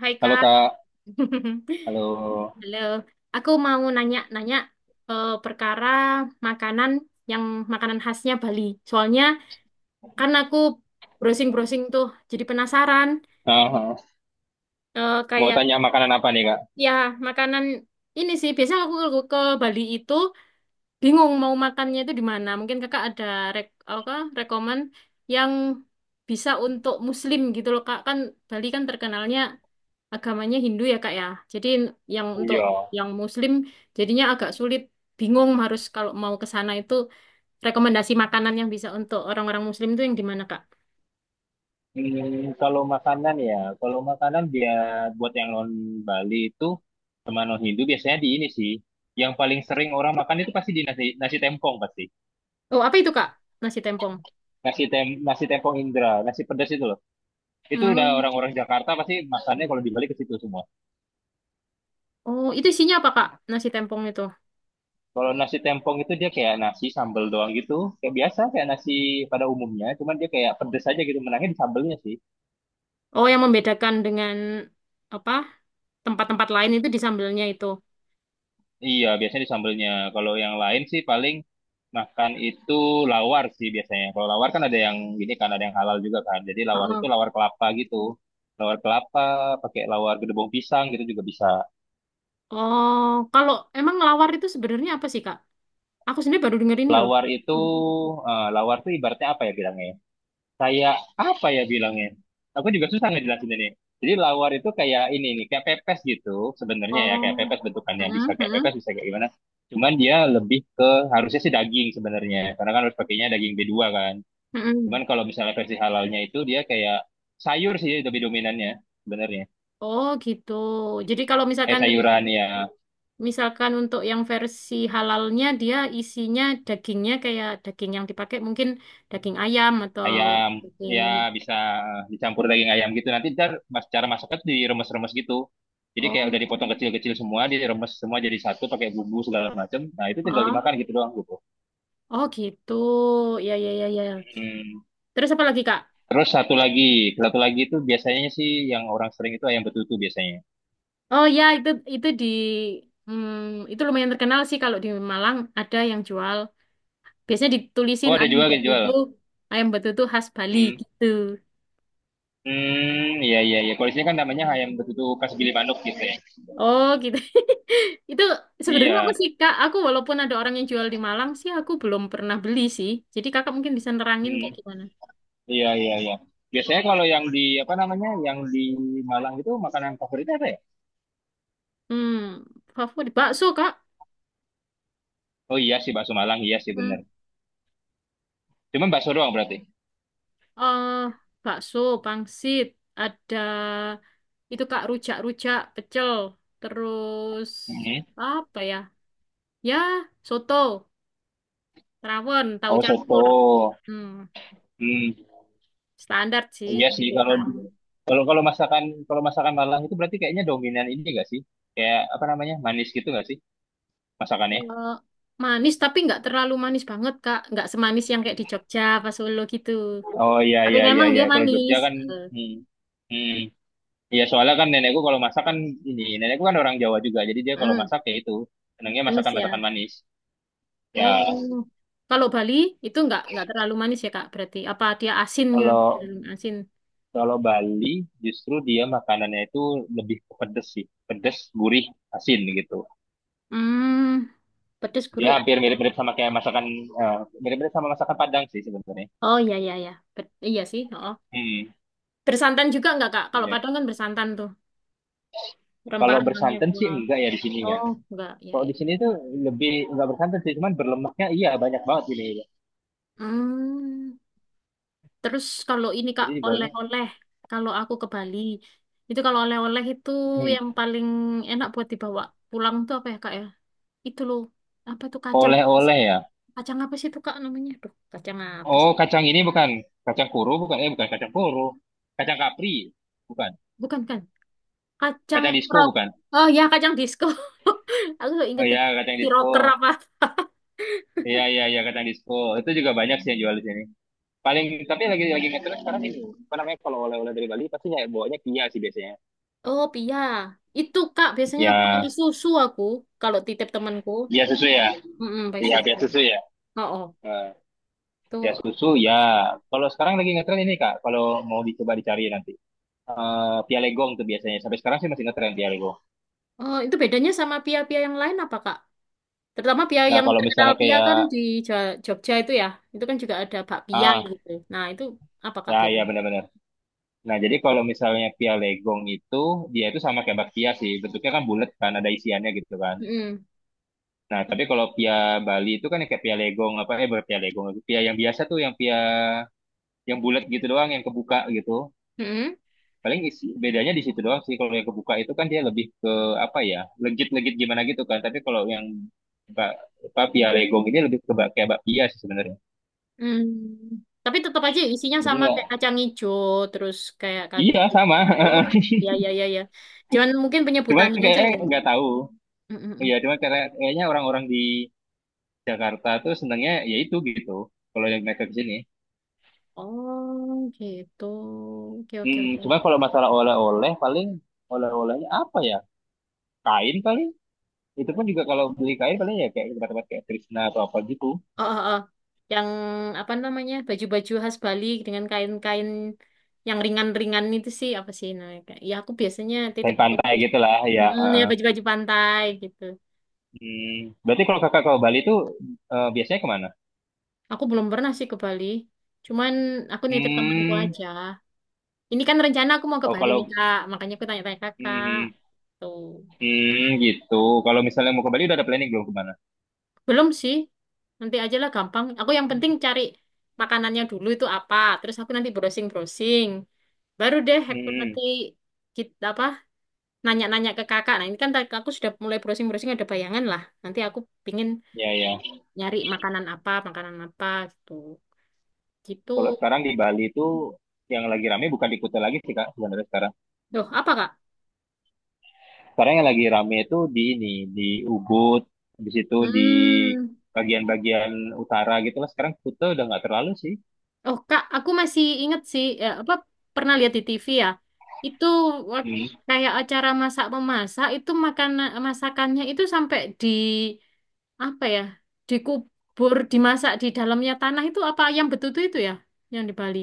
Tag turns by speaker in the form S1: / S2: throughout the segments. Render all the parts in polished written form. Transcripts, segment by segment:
S1: Hai
S2: Halo
S1: Kak.
S2: Kak, halo.
S1: Halo. Aku mau nanya-nanya perkara makanan yang makanan khasnya Bali. Soalnya kan aku browsing-browsing tuh jadi penasaran.
S2: Ah, mau
S1: Kayak
S2: tanya makanan apa nih Kak?
S1: ya makanan ini sih biasanya aku ke Bali itu bingung mau makannya itu di mana. Mungkin Kakak ada rek apa rekomen yang bisa untuk Muslim gitu loh Kak. Kan Bali kan terkenalnya agamanya Hindu ya Kak ya. Jadi yang untuk
S2: Iya.
S1: yang Muslim jadinya agak sulit, bingung harus kalau mau ke sana itu rekomendasi makanan yang bisa untuk orang-orang Muslim itu yang di mana Kak?
S2: Hmm, kalau makanan ya, kalau makanan dia buat yang non Bali itu sama non Hindu biasanya di ini sih. Yang paling sering orang makan itu pasti di nasi nasi tempong pasti.
S1: Oh apa itu Kak? Nasi tempong.
S2: Nasi tempong Indra, nasi pedas itu loh. Itu udah
S1: Hmm.
S2: orang-orang Jakarta pasti makannya kalau di Bali ke situ semua.
S1: Oh itu isinya apa Kak? Nasi tempong itu.
S2: Kalau nasi tempong itu dia kayak nasi sambal doang gitu, kayak biasa kayak nasi pada umumnya, cuman dia kayak pedas aja gitu, menangnya di sambelnya sih.
S1: Oh yang membedakan dengan apa tempat-tempat lain itu di sambelnya itu.
S2: Iya, biasanya di sambelnya. Kalau yang lain sih paling makan itu lawar sih biasanya. Kalau lawar kan ada yang gini kan, ada yang halal juga kan. Jadi lawar itu
S1: Heeh.
S2: lawar kelapa gitu. Lawar kelapa, pakai lawar gedebong pisang gitu juga bisa.
S1: Oh kalau emang lawar itu sebenarnya apa sih Kak? Aku sendiri baru denger ini loh.
S2: Lawar itu, lawar tuh ibaratnya apa ya bilangnya? Ya? Kayak apa ya bilangnya? Aku juga susah ngejelasin ini. Jadi lawar itu kayak ini nih, kayak pepes gitu sebenarnya ya, kayak
S1: Oh.
S2: pepes bentukannya bisa
S1: Heeh,
S2: kayak
S1: heeh.
S2: pepes, bisa kayak gimana. Cuman dia lebih ke harusnya sih daging sebenarnya, karena kan harus pakainya daging b dua kan.
S1: Mm-mm.
S2: Cuman kalau misalnya versi halalnya itu dia kayak sayur sih lebih dominannya sebenarnya.
S1: Oh gitu. Jadi kalau
S2: Kayak
S1: misalkan
S2: sayuran ya,
S1: Misalkan untuk yang versi halalnya dia isinya dagingnya kayak daging yang dipakai mungkin daging ayam atau
S2: ayam
S1: daging.
S2: ya bisa dicampur daging ayam gitu. Nanti ntar mas cara masaknya tuh diremes-remes gitu. Jadi kayak
S1: Oh,
S2: udah dipotong kecil-kecil semua, diremes semua jadi satu pakai bumbu segala macam. Nah itu tinggal
S1: ah.
S2: dimakan gitu doang gitu.
S1: Oh gitu, ya ya ya ya,
S2: Hmm.
S1: terus apa lagi Kak.
S2: Terus satu lagi itu biasanya sih yang orang sering itu ayam betutu biasanya.
S1: Oh ya itu di, itu lumayan terkenal sih kalau di Malang ada yang jual, biasanya
S2: Oh
S1: ditulisin
S2: ada
S1: ayam
S2: juga yang jual.
S1: betutu, ayam betutu khas Bali
S2: Hmm.
S1: gitu.
S2: Iya iya iya. Kalau di sini kan namanya ayam betutu khas Gili Manuk gitu ya.
S1: Oh gitu. Itu sebenarnya apa
S2: Iya.
S1: sih Kak? Aku walaupun ada orang yang jual di Malang sih, aku belum pernah beli sih. Jadi Kakak mungkin bisa nerangin kayak
S2: Hmm.
S1: gimana.
S2: Iya, iya, iya. Biasanya kalau yang di apa namanya, yang di Malang itu makanan favoritnya apa ya?
S1: Hmm, favorit bakso Kak.
S2: Oh iya sih bakso Malang, iya sih bener.
S1: Hmm.
S2: Cuman bakso doang berarti.
S1: eh, Bakso, pangsit, ada itu Kak rujak-rujak, pecel, terus
S2: Mhm.
S1: apa ya? Ya, soto, rawon, tahu
S2: Oh
S1: campur.
S2: soto.
S1: Hmm,
S2: Hmm,
S1: standar sih,
S2: iya sih
S1: hampir
S2: kalau
S1: sama.
S2: kalau kalau masakan Malang itu berarti kayaknya dominan ini gak sih? Kayak apa namanya manis gitu gak sih masakannya?
S1: Eh, Manis tapi nggak terlalu manis banget Kak. Nggak semanis yang kayak di Jogja pas Solo gitu.
S2: Oh iya
S1: Tapi
S2: iya iya
S1: memang
S2: iya.
S1: dia
S2: Kalau Jogja
S1: manis.
S2: kan,
S1: Eh,
S2: hmm, hmm. Iya soalnya kan nenekku kalau masak kan ini nenekku kan orang Jawa juga, jadi dia kalau
S1: mm,
S2: masak ya itu senangnya
S1: manis
S2: masakan
S1: ya.
S2: masakan manis.
S1: Oh,
S2: Ya,
S1: kalau Bali itu nggak terlalu manis ya Kak. Berarti apa dia asin ya?
S2: kalau
S1: Hmm, asin.
S2: Kalau Bali justru dia makanannya itu lebih ke pedes sih, pedes, gurih, asin gitu.
S1: Hmm, pedes
S2: Dia
S1: gurih.
S2: hampir eh, mirip-mirip sama masakan Padang sih sebenarnya.
S1: Oh iya iya iya. Bet- iya sih. Oh.
S2: Hmm,
S1: Bersantan juga nggak Kak? Kalau
S2: iya.
S1: Padang kan bersantan tuh.
S2: Kalau
S1: Rempah-rempahnya.
S2: bersantan sih
S1: Wah.
S2: enggak ya di sini ya.
S1: Oh nggak. Iya
S2: Kalau
S1: iya.
S2: di sini tuh lebih enggak bersantan sih, cuman berlemaknya iya banyak banget ini.
S1: Hmm. Terus kalau ini Kak,
S2: Jadi di Bali,
S1: oleh-oleh, kalau aku ke Bali, itu kalau oleh-oleh itu
S2: hmm,
S1: yang paling enak buat dibawa pulang tuh apa ya Kak ya? Itu loh, apa tuh kacang apa sih?
S2: oleh-oleh ya.
S1: Kacang apa sih itu Kak namanya? Duh, kacang apa
S2: Oh,
S1: sih?
S2: kacang ini bukan kacang kuru bukan? Eh, bukan kacang kuru. Kacang kapri bukan?
S1: Bukan kan? Kacang
S2: Kacang disco
S1: rok.
S2: bukan?
S1: Oh ya, kacang disco. Aku nggak
S2: Oh
S1: inget
S2: ya, kacang
S1: si rocker
S2: disco.
S1: apa.
S2: Iya iya iya kacang disco itu juga banyak sih yang jual di sini. Paling tapi lagi ngetren sekarang ini apa namanya kalau oleh-oleh dari Bali pasti ya bawanya kia sih biasanya.
S1: Oh, pia. Itu Kak, biasanya pakai
S2: Ya
S1: susu aku kalau titip temanku.
S2: dia susu ya,
S1: Mm-mm, pakai
S2: iya dia
S1: susu.
S2: susu ya.
S1: Oh, oh.
S2: Eh,
S1: Tuh,
S2: dia
S1: aku
S2: susu
S1: suka.
S2: ya. Kalau sekarang lagi ngetren ini Kak, kalau mau dicoba dicari nanti. Eh pialegong tuh biasanya sampai sekarang sih masih ngetren pialegong.
S1: Oh, itu bedanya sama pia-pia yang lain apa, Kak? Terutama pia
S2: Nah
S1: yang
S2: kalau
S1: terkenal
S2: misalnya
S1: pia
S2: kayak
S1: kan di Jogja itu ya. Itu kan juga ada bakpia
S2: ah
S1: gitu. Nah, itu apa, Kak,
S2: ya ya
S1: bedanya?
S2: benar-benar. Nah jadi kalau misalnya pialegong itu dia itu sama kayak bakpia sih bentuknya kan bulat kan ada isiannya gitu kan.
S1: Mm-mm.
S2: Nah, tapi kalau pia Bali itu kan yang kayak pia legong apa eh bukan pia legong lagi. Pia yang biasa tuh yang pia yang bulat gitu doang yang kebuka gitu.
S1: Mm-mm.
S2: Paling isi, bedanya di situ doang sih. Kalau yang kebuka itu kan dia lebih ke apa ya? Legit-legit gimana gitu kan. Tapi kalau yang ba- apa pia legong ini lebih ke kayak bakpia sih sebenarnya.
S1: Mm. Tapi tetap aja isinya
S2: Jadi
S1: sama
S2: nggak.
S1: kayak kacang hijau, terus kayak kacang...
S2: Iya, sama.
S1: Oh, ya, ya, ya, ya. Cuman mungkin
S2: Cuman
S1: penyebutannya aja
S2: kayaknya
S1: yang...
S2: nggak tahu.
S1: Mm-mm.
S2: Iya, cuman kayaknya orang-orang di Jakarta tuh senangnya ya itu gitu. Kalau yang mereka ke sini.
S1: Oh, gitu. Oke, oke, oke.
S2: Cuman kalau masalah oleh-oleh paling oleh-olehnya apa ya? Kain paling. Itu pun juga kalau beli kain paling ya kayak tempat-tempat kayak Krishna atau apa gitu.
S1: Oh, oh, oh. Yang apa namanya? Baju-baju khas Bali dengan kain-kain yang ringan-ringan itu sih apa sih namanya, Kak? Ya aku biasanya titip
S2: Kain
S1: ke
S2: pantai
S1: baju-.
S2: gitu lah ya.
S1: Mm, ya
S2: Heeh.
S1: baju-baju pantai gitu.
S2: Hmm, berarti kalau kakak ke Bali itu biasanya kemana?
S1: Aku belum pernah sih ke Bali. Cuman aku nitip temanku
S2: Hmm,
S1: aja. Ini kan rencana aku mau ke
S2: oh
S1: Bali
S2: kalau
S1: nih, Kak. Makanya aku tanya-tanya Kakak.
S2: hmm,
S1: Tuh.
S2: gitu. Kalau misalnya mau ke Bali udah ada planning belum kemana?
S1: Belum sih. Nanti aja lah gampang. Aku yang penting cari makanannya dulu itu apa. Terus aku nanti browsing-browsing. Baru deh aku nanti
S2: Hmm,
S1: kita apa nanya-nanya ke kakak. Nah, ini kan tadi aku sudah mulai browsing-browsing ada bayangan lah. Nanti aku pingin
S2: ya ya.
S1: nyari makanan apa gitu.
S2: Kalau
S1: Gitu.
S2: sekarang di Bali itu yang lagi rame bukan di Kuta lagi sih kak sebenarnya sekarang.
S1: Loh, apa Kak?
S2: Sekarang yang lagi rame itu di ini, di Ubud, di situ di
S1: Hmm.
S2: bagian-bagian utara gitu lah. Sekarang Kuta udah nggak terlalu sih.
S1: Oh, Kak, aku masih inget sih ya, apa pernah lihat di TV ya. Itu wak-
S2: Hmm.
S1: kayak acara masak memasak itu makanan masakannya itu sampai di apa ya? Dikubur, dimasak di dalamnya tanah itu apa yang betutu itu ya? Yang di Bali.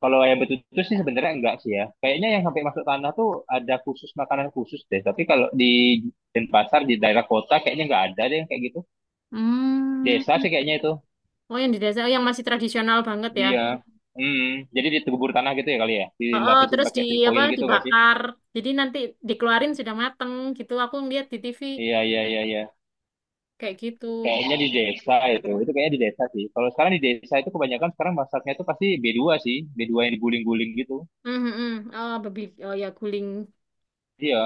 S2: Kalau ayam betutu sih sebenarnya enggak sih ya. Kayaknya yang sampai masuk tanah tuh ada khusus makanan khusus deh. Tapi kalau di Denpasar di daerah kota kayaknya nggak ada deh yang kayak gitu.
S1: Hmm.
S2: Desa sih kayaknya itu.
S1: Oh, yang di desa, oh, yang masih tradisional banget ya.
S2: Iya. Hmm. Jadi ditegubur tanah gitu ya kali ya.
S1: Oh,
S2: Dilapisin
S1: terus di
S2: pakai tin
S1: apa
S2: foil gitu nggak sih?
S1: dibakar. Jadi nanti dikeluarin sudah mateng gitu. Aku ngeliat di TV
S2: Iya iya iya iya.
S1: kayak gitu.
S2: Kayaknya di desa itu kayaknya di desa sih. Kalau sekarang di desa itu kebanyakan sekarang masaknya itu pasti b dua sih, b dua yang diguling-guling gitu.
S1: Hmm, hmm, hmm. Oh, babi. Oh ya, guling.
S2: Iya,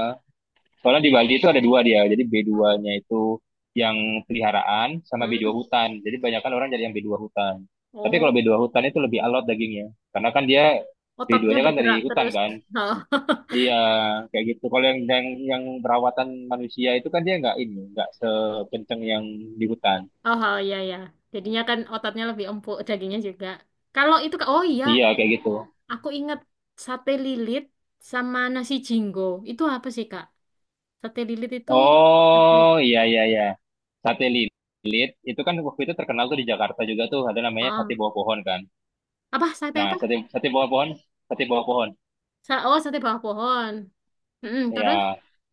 S2: soalnya di Bali itu ada dua dia, jadi
S1: Hmm,
S2: B2-nya itu yang peliharaan sama b dua
S1: hmm.
S2: hutan. Jadi kebanyakan orang jadi yang b dua hutan. Tapi kalau b
S1: Oh,
S2: dua hutan itu lebih alot dagingnya, karena kan dia
S1: ototnya
S2: B2-nya kan dari
S1: bergerak
S2: hutan
S1: terus.
S2: kan. Iya, kayak gitu. Kalau yang perawatan manusia itu kan dia nggak ini, nggak sekenceng yang di hutan.
S1: Oh, oh, oh ya ya. Jadinya kan ototnya lebih empuk, dagingnya juga. Kalau itu, Kak- oh iya,
S2: Iya, kayak gitu.
S1: aku ingat sate lilit sama nasi jinggo. Itu apa sih, Kak? Sate lilit itu. Sate-.
S2: Oh iya iya iya. Sate lilit. Itu kan waktu itu terkenal tuh di Jakarta juga tuh ada namanya sate
S1: Oh,
S2: bawah pohon kan.
S1: apa sate
S2: Nah,
S1: apa?
S2: sate sate bawah pohon, sate bawah pohon.
S1: Sa- oh, sate bawah pohon. Mm-mm,
S2: Ya.
S1: terus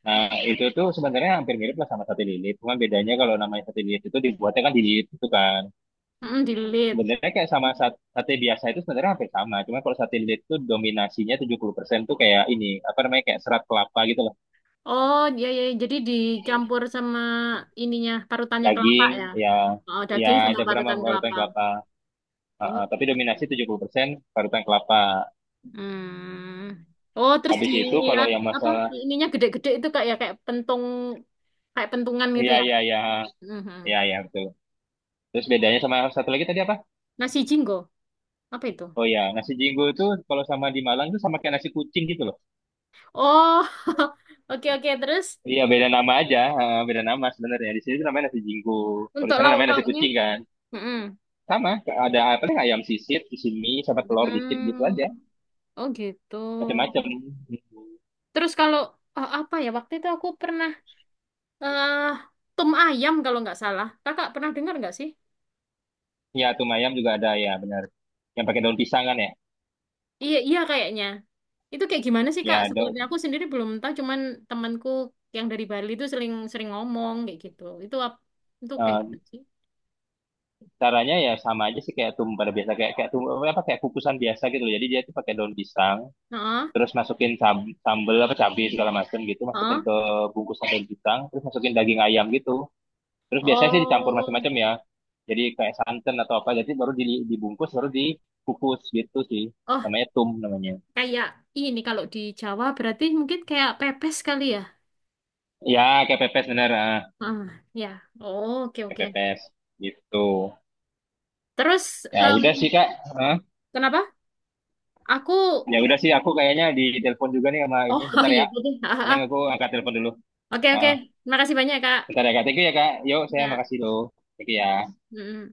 S2: Nah, itu tuh sebenarnya hampir mirip lah sama sate lilit. Cuma bedanya kalau namanya sate lilit itu dibuatnya kan di lilit itu kan.
S1: mm dililit.
S2: Sebenarnya kayak sama sate biasa itu sebenarnya hampir sama. Cuma kalau sate lilit itu dominasinya 70% tuh kayak ini, apa namanya kayak serat kelapa gitu loh.
S1: Oh, iya iya iya. Jadi dicampur sama ininya parutannya kelapa
S2: Daging,
S1: ya.
S2: ya
S1: Oh,
S2: ya
S1: daging sama
S2: campuran
S1: parutan
S2: sama parutan
S1: kelapa.
S2: kelapa. Ah,
S1: Oh,
S2: ah, tapi
S1: gitu.
S2: dominasi 70% parutan kelapa.
S1: Hmm. Oh, terus di
S2: Habis itu kalau
S1: ad-
S2: yang
S1: apa?
S2: masalah
S1: Ininya gede-gede itu kayak ya kayak pentung, kayak pentungan gitu
S2: ya
S1: ya.
S2: ya ya
S1: Mhm.
S2: ya ya betul. Terus bedanya sama yang satu lagi tadi apa?
S1: Nasi jinggo. Apa itu?
S2: Oh ya, nasi jinggo itu kalau sama di Malang itu sama kayak nasi kucing gitu loh.
S1: Oh. Oke oke, terus
S2: Iya, beda nama aja, eh, beda nama sebenarnya. Di sini tuh namanya nasi jinggo. Kalau di
S1: untuk
S2: sana namanya nasi
S1: lauk-lauknya.
S2: kucing kan.
S1: Mm-mm.
S2: Sama, ada apa sih ayam sisit di sini sama telur dikit gitu
S1: Hmm.
S2: aja.
S1: Oh, gitu.
S2: Macam-macam.
S1: Terus kalau apa ya waktu itu aku pernah eh tum ayam kalau nggak salah. Kakak pernah dengar nggak sih?
S2: Ya, tuh ayam juga ada ya, benar. Yang pakai daun pisang kan ya?
S1: Iya iya kayaknya. Itu kayak gimana sih Kak?
S2: Ya,
S1: Sebenarnya aku sendiri belum tahu. Cuman temanku yang dari Bali itu sering sering ngomong kayak gitu. Itu ap- itu kayak gitu
S2: eh,
S1: sih.
S2: caranya ya sama aja sih kayak tum pada biasa kayak kayak tum apa kayak kukusan biasa gitu loh. Jadi dia tuh pakai daun pisang
S1: Heeh,
S2: terus masukin sambel apa cabai segala macam gitu masukin
S1: heeh.
S2: ke bungkusan daun pisang terus masukin daging ayam gitu terus biasanya sih dicampur
S1: Oh,
S2: macam-macam ya jadi kayak santan atau apa jadi baru dibungkus baru dikukus gitu sih
S1: oh
S2: namanya tum namanya.
S1: kayak ini kalau di Jawa berarti mungkin kayak pepes kali ya.
S2: Ya kayak pepes bener. Ah,
S1: Ah, ya. Oh, oke
S2: kayak
S1: oke.
S2: pepes gitu.
S1: Terus
S2: Ya
S1: em,
S2: udah sih kak. Hah?
S1: kenapa? Aku.
S2: Ya udah sih aku kayaknya di telepon juga nih sama
S1: Oh,
S2: ini bentar
S1: iya
S2: ya.
S1: gitu.
S2: Paling aku angkat telepon dulu.
S1: Oke, oke.
S2: Ah,
S1: Makasih banyak, Kak.
S2: bentar ya kak. Thank you ya kak. Yuk saya
S1: Ya.
S2: makasih loh. Thank you ya.
S1: Mm-mm.